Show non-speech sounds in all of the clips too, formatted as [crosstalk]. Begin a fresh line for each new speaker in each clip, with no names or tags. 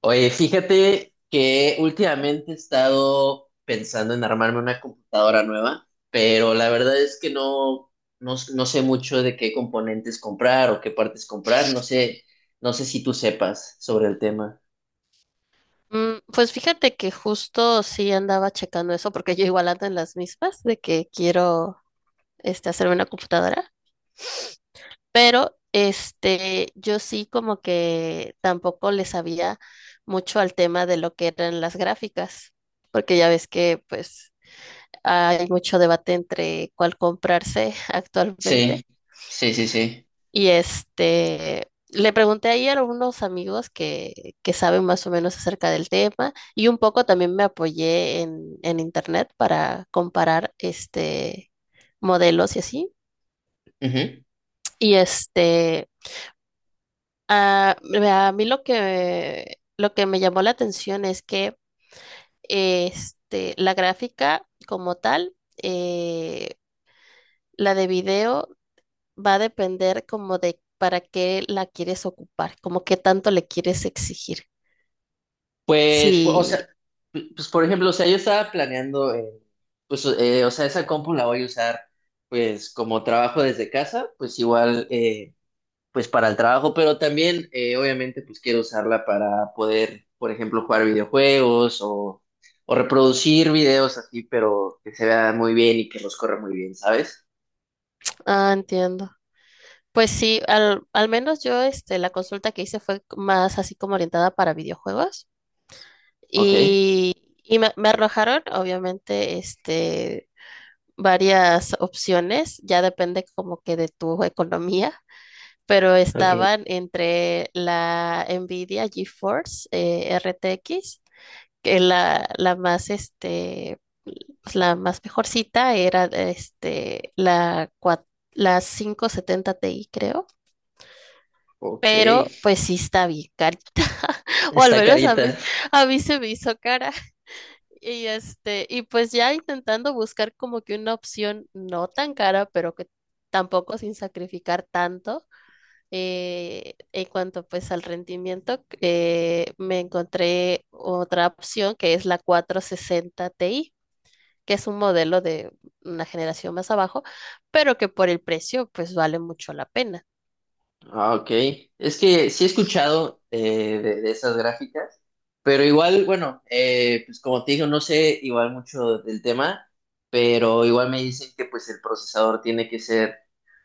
Oye, fíjate que últimamente he estado pensando en armarme una computadora nueva, pero la verdad es que no sé mucho de qué componentes comprar o qué partes comprar. No sé si tú sepas sobre el tema.
Pues fíjate que justo sí andaba checando eso, porque yo igual ando en las mismas de que quiero hacerme una computadora, pero yo sí como que tampoco le sabía mucho al tema de lo que eran las gráficas, porque ya ves que pues hay mucho debate entre cuál comprarse [laughs]
Sí,
actualmente.
sí, sí, sí.
Y le pregunté ahí a unos amigos que saben más o menos acerca del tema y un poco también me apoyé en internet para comparar este modelos y así.
Ujú.
Y este, a, a mí lo que me llamó la atención es que la gráfica como tal, eh, la de video va a depender como de para qué la quieres ocupar, como qué tanto le quieres exigir.
Pues, pu- o
Sí,
sea, pues, por ejemplo, o sea, yo estaba planeando, pues, o sea, esa compu la voy a usar, pues, como trabajo desde casa, pues igual, pues para el trabajo, pero también obviamente pues quiero usarla para poder, por ejemplo, jugar videojuegos o reproducir videos así, pero que se vean muy bien y que los corra muy bien, ¿sabes?
ah, entiendo. Pues sí, al menos yo la consulta que hice fue más así como orientada para videojuegos
Ok,
y me arrojaron obviamente varias opciones, ya depende como que de tu economía, pero
ok,
estaban entre la Nvidia GeForce RTX que la más, pues, la más mejorcita era, este, la 570 Ti, creo,
ok.
pero pues sí está bien carita, [laughs] o al
Está
menos
carita.
a mí se me hizo cara. Y este, y pues ya intentando buscar como que una opción no tan cara, pero que tampoco sin sacrificar tanto en cuanto pues al rendimiento, me encontré otra opción que es la 460 Ti, que es un modelo de una generación más abajo, pero que por el precio pues vale mucho la pena.
Ah, ok. Es que sí he escuchado, de esas gráficas, pero igual, bueno, pues como te digo, no sé igual mucho del tema, pero igual me dicen que pues el procesador tiene que ser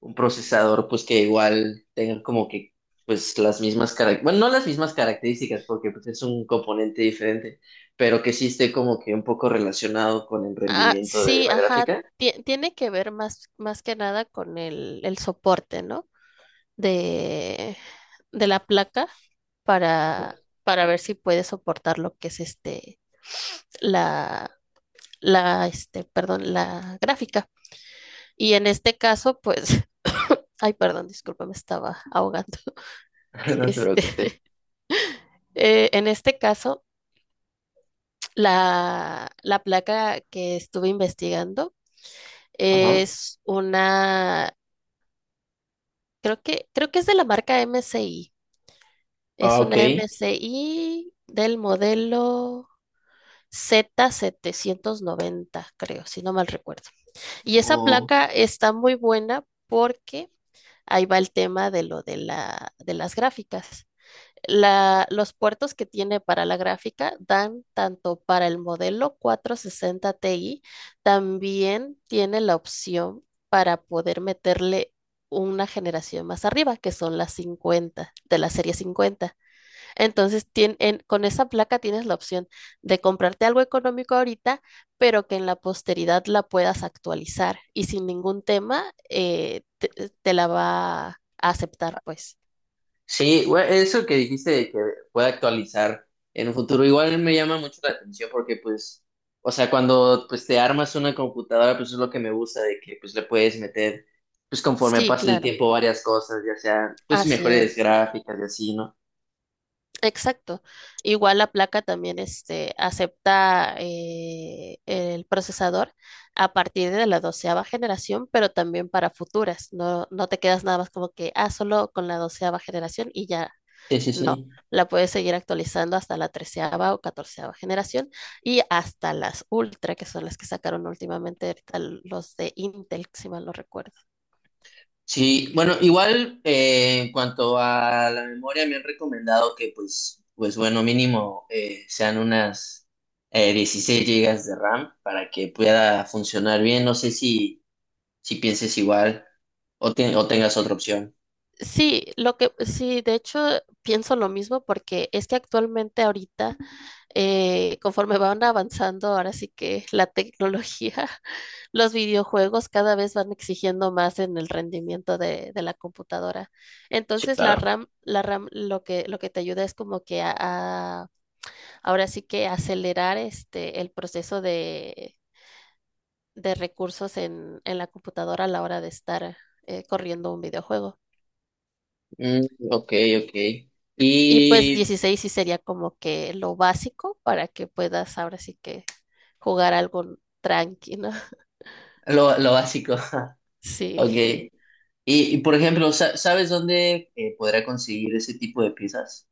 un procesador pues que igual tenga como que pues las mismas características, bueno, no las mismas características porque pues es un componente diferente, pero que sí esté como que un poco relacionado con el
Ah,
rendimiento de
sí,
la
ajá,
gráfica.
tiene que ver más que nada con el soporte, ¿no? De, de la placa para, para ver si puede soportar lo que es la, la, perdón, la gráfica. Y en este caso, pues, [laughs] ay, perdón, disculpa, me estaba ahogando. [laughs]
[laughs] No te
Este,
preocupes.
[laughs] en este caso, la placa que estuve investigando
Ajá.
es una, creo que es de la marca MSI.
Ah,
Es
ok.
una MSI del modelo z 790 creo, si no mal recuerdo. Y esa
Oh.
placa está muy buena porque ahí va el tema de lo de de las gráficas. Los puertos que tiene para la gráfica dan tanto para el modelo 460 Ti, también tiene la opción para poder meterle una generación más arriba, que son las 50, de la serie 50. Entonces, con esa placa tienes la opción de comprarte algo económico ahorita, pero que en la posteridad la puedas actualizar y sin ningún tema te la va a aceptar, pues.
Sí, güey, eso que dijiste de que puede actualizar en un futuro, igual me llama mucho la atención porque pues, o sea, cuando pues te armas una computadora, pues es lo que me gusta de que pues le puedes meter, pues conforme
Sí,
pasa el
claro.
tiempo, varias cosas, ya sea pues
Así
mejores
es.
gráficas y así, ¿no?
Exacto. Igual la placa también acepta el procesador a partir de la 12.ª generación, pero también para futuras. No, no te quedas nada más como que, ah, solo con la 12.ª generación y ya
Sí, sí,
no.
sí.
La puedes seguir actualizando hasta la 13.ª o 14.ª generación y hasta las ultra, que son las que sacaron últimamente ahorita los de Intel, si mal no recuerdo.
Sí, bueno, igual en cuanto a la memoria me han recomendado que pues, pues bueno, mínimo sean unas 16 gigas de RAM para que pueda funcionar bien. No sé si si pienses igual o tengas otra opción.
Sí, lo que sí, de hecho pienso lo mismo porque es que actualmente ahorita conforme van avanzando, ahora sí que la tecnología, [laughs] los videojuegos cada vez van exigiendo más en el rendimiento de la computadora.
Sí,
Entonces,
claro.
la RAM lo que te ayuda es como que ahora sí que acelerar el proceso de recursos en la computadora a la hora de estar corriendo un videojuego.
Mm, ok, ok.
Y pues
Y
16 sí sería como que lo básico para que puedas ahora sí que jugar algo tranquilo.
lo básico. [laughs]
Sí,
Ok.
[laughs]
Y, por ejemplo, ¿sabes dónde podrá conseguir ese tipo de piezas?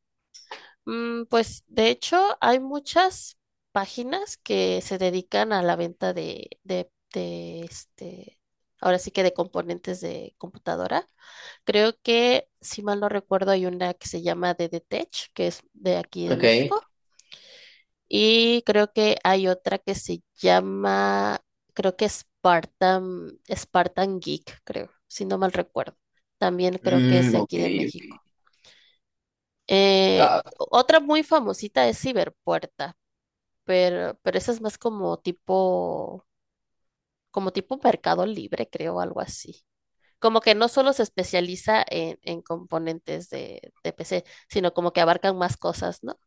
Mm, pues de hecho hay muchas páginas que se dedican a la venta de ahora sí que de componentes de computadora. Creo que, si mal no recuerdo, hay una que se llama DDTech, que es de aquí de
Ok.
México, y creo que hay otra que se llama, creo que Spartan, Spartan Geek, creo, si no mal recuerdo. También creo que es
Mm,
de
ok,
aquí de
ok.
México.
Ah,
Otra muy famosita es Ciberpuerta, pero esa es más como tipo Mercado Libre, creo, algo así. Como que no solo se especializa en componentes de PC, sino como que abarcan más cosas, ¿no?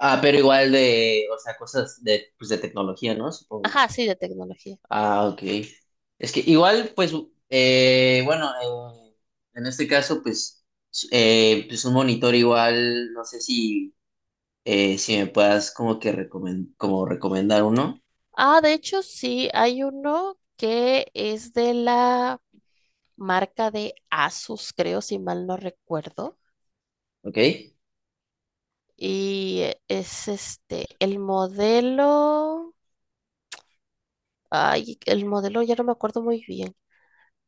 ah, pero igual de, o sea, cosas de, pues de tecnología, ¿no? Supongo.
Ajá, sí, de tecnología.
Ah, ok. Es que igual, pues, bueno, en este caso, pues, pues un monitor igual, no sé si si me puedas como que como recomendar uno,
Ah, de hecho, sí, hay uno que es de la marca de Asus, creo, si mal no recuerdo.
¿ok?
Y es el modelo. Ay, el modelo ya no me acuerdo muy bien,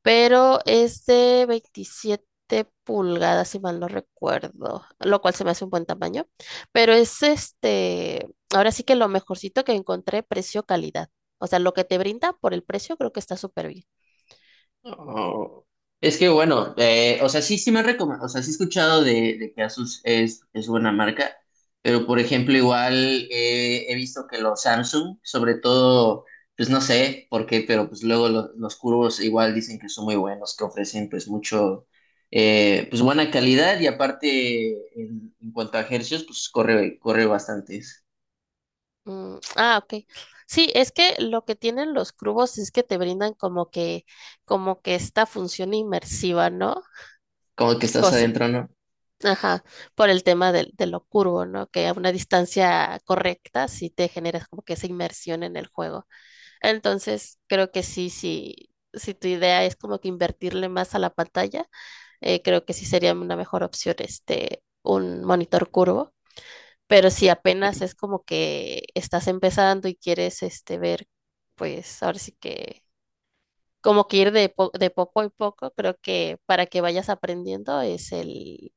pero es de 27 pulgadas, si mal no recuerdo, lo cual se me hace un buen tamaño, pero es ahora sí que lo mejorcito que encontré, precio-calidad. O sea, lo que te brinda por el precio creo que está súper bien.
Oh, es que bueno, o sea, sí, sí me recomiendo, o sea, sí he escuchado de que Asus es buena marca, pero por ejemplo, igual he visto que los Samsung, sobre todo, pues no sé por qué, pero pues luego los curvos igual dicen que son muy buenos, que ofrecen pues mucho, pues buena calidad y aparte en cuanto a hercios, pues corre, corre bastante.
Mm, ah, ok. Sí, es que lo que tienen los cubos es que te brindan como que esta función inmersiva, ¿no?
Como que estás
Cosa-
adentro, ¿no?
ajá, por el tema de, lo curvo, ¿no? Que a una distancia correcta sí te generas como que esa inmersión en el juego. Entonces, creo que sí, sí, si tu idea es como que invertirle más a la pantalla, creo que sí sería una mejor opción un monitor curvo pero si apenas es como que estás empezando y quieres ver, pues ahora sí que como que ir de poco en poco, creo que para que vayas aprendiendo es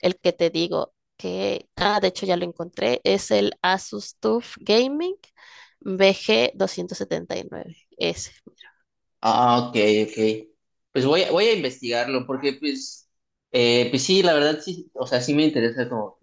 el que te digo que, ah, de hecho ya lo encontré, es el Asus TUF Gaming vg 9 Ese.
Ah, ok, ok. Pues voy a investigarlo porque pues, pues sí, la verdad sí, o sea, sí me interesa como,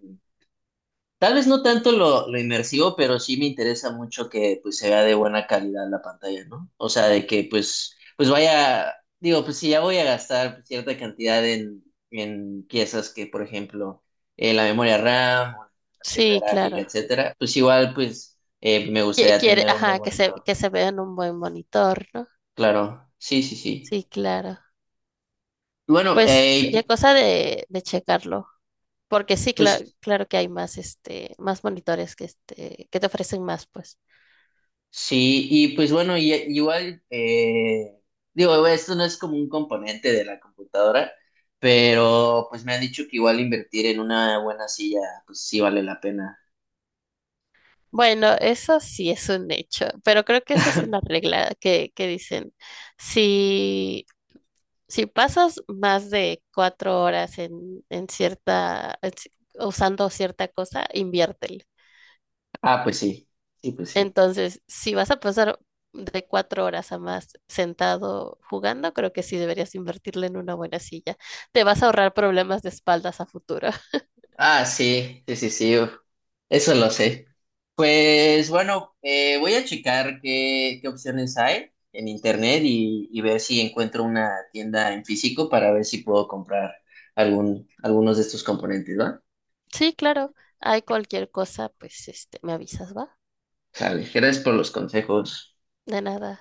tal vez no tanto lo inmersivo, pero sí me interesa mucho que pues se vea de buena calidad la pantalla, ¿no? O sea, de que pues, pues vaya, digo, pues si ya voy a gastar cierta cantidad en piezas que, por ejemplo, la memoria RAM, o la tarjeta
Sí,
gráfica,
claro.
etcétera, pues igual pues me gustaría
Quiere,
tener un buen
ajá,
monitor.
que se vea en un buen monitor, ¿no?
Claro, sí, sí, sí.
Sí, claro.
Bueno,
Pues sería cosa de checarlo. Porque sí,
pues
claro, claro que hay más, más monitores que te ofrecen más, pues.
sí, y pues bueno, y, e, igual, digo, esto no es como un componente de la computadora, pero pues me han dicho que igual invertir en una buena silla, pues sí vale la pena.
Bueno, eso sí es un hecho, pero creo que esa es una regla que dicen. Si, si pasas más de 4 horas en cierta, usando cierta cosa, invierte.
Ah, pues sí, sí, pues sí.
Entonces, si vas a pasar de 4 horas a más sentado jugando, creo que sí deberías invertirle en una buena silla. Te vas a ahorrar problemas de espaldas a futuro. [laughs]
Ah, sí, sí, sí, sí, uf, eso lo sé. Pues bueno, voy a checar qué, qué opciones hay en internet y ver si encuentro una tienda en físico para ver si puedo comprar algún, algunos de estos componentes, ¿va?
Sí, claro. Hay cualquier cosa, pues me avisas, ¿va?
Sale, gracias por los consejos.
De nada.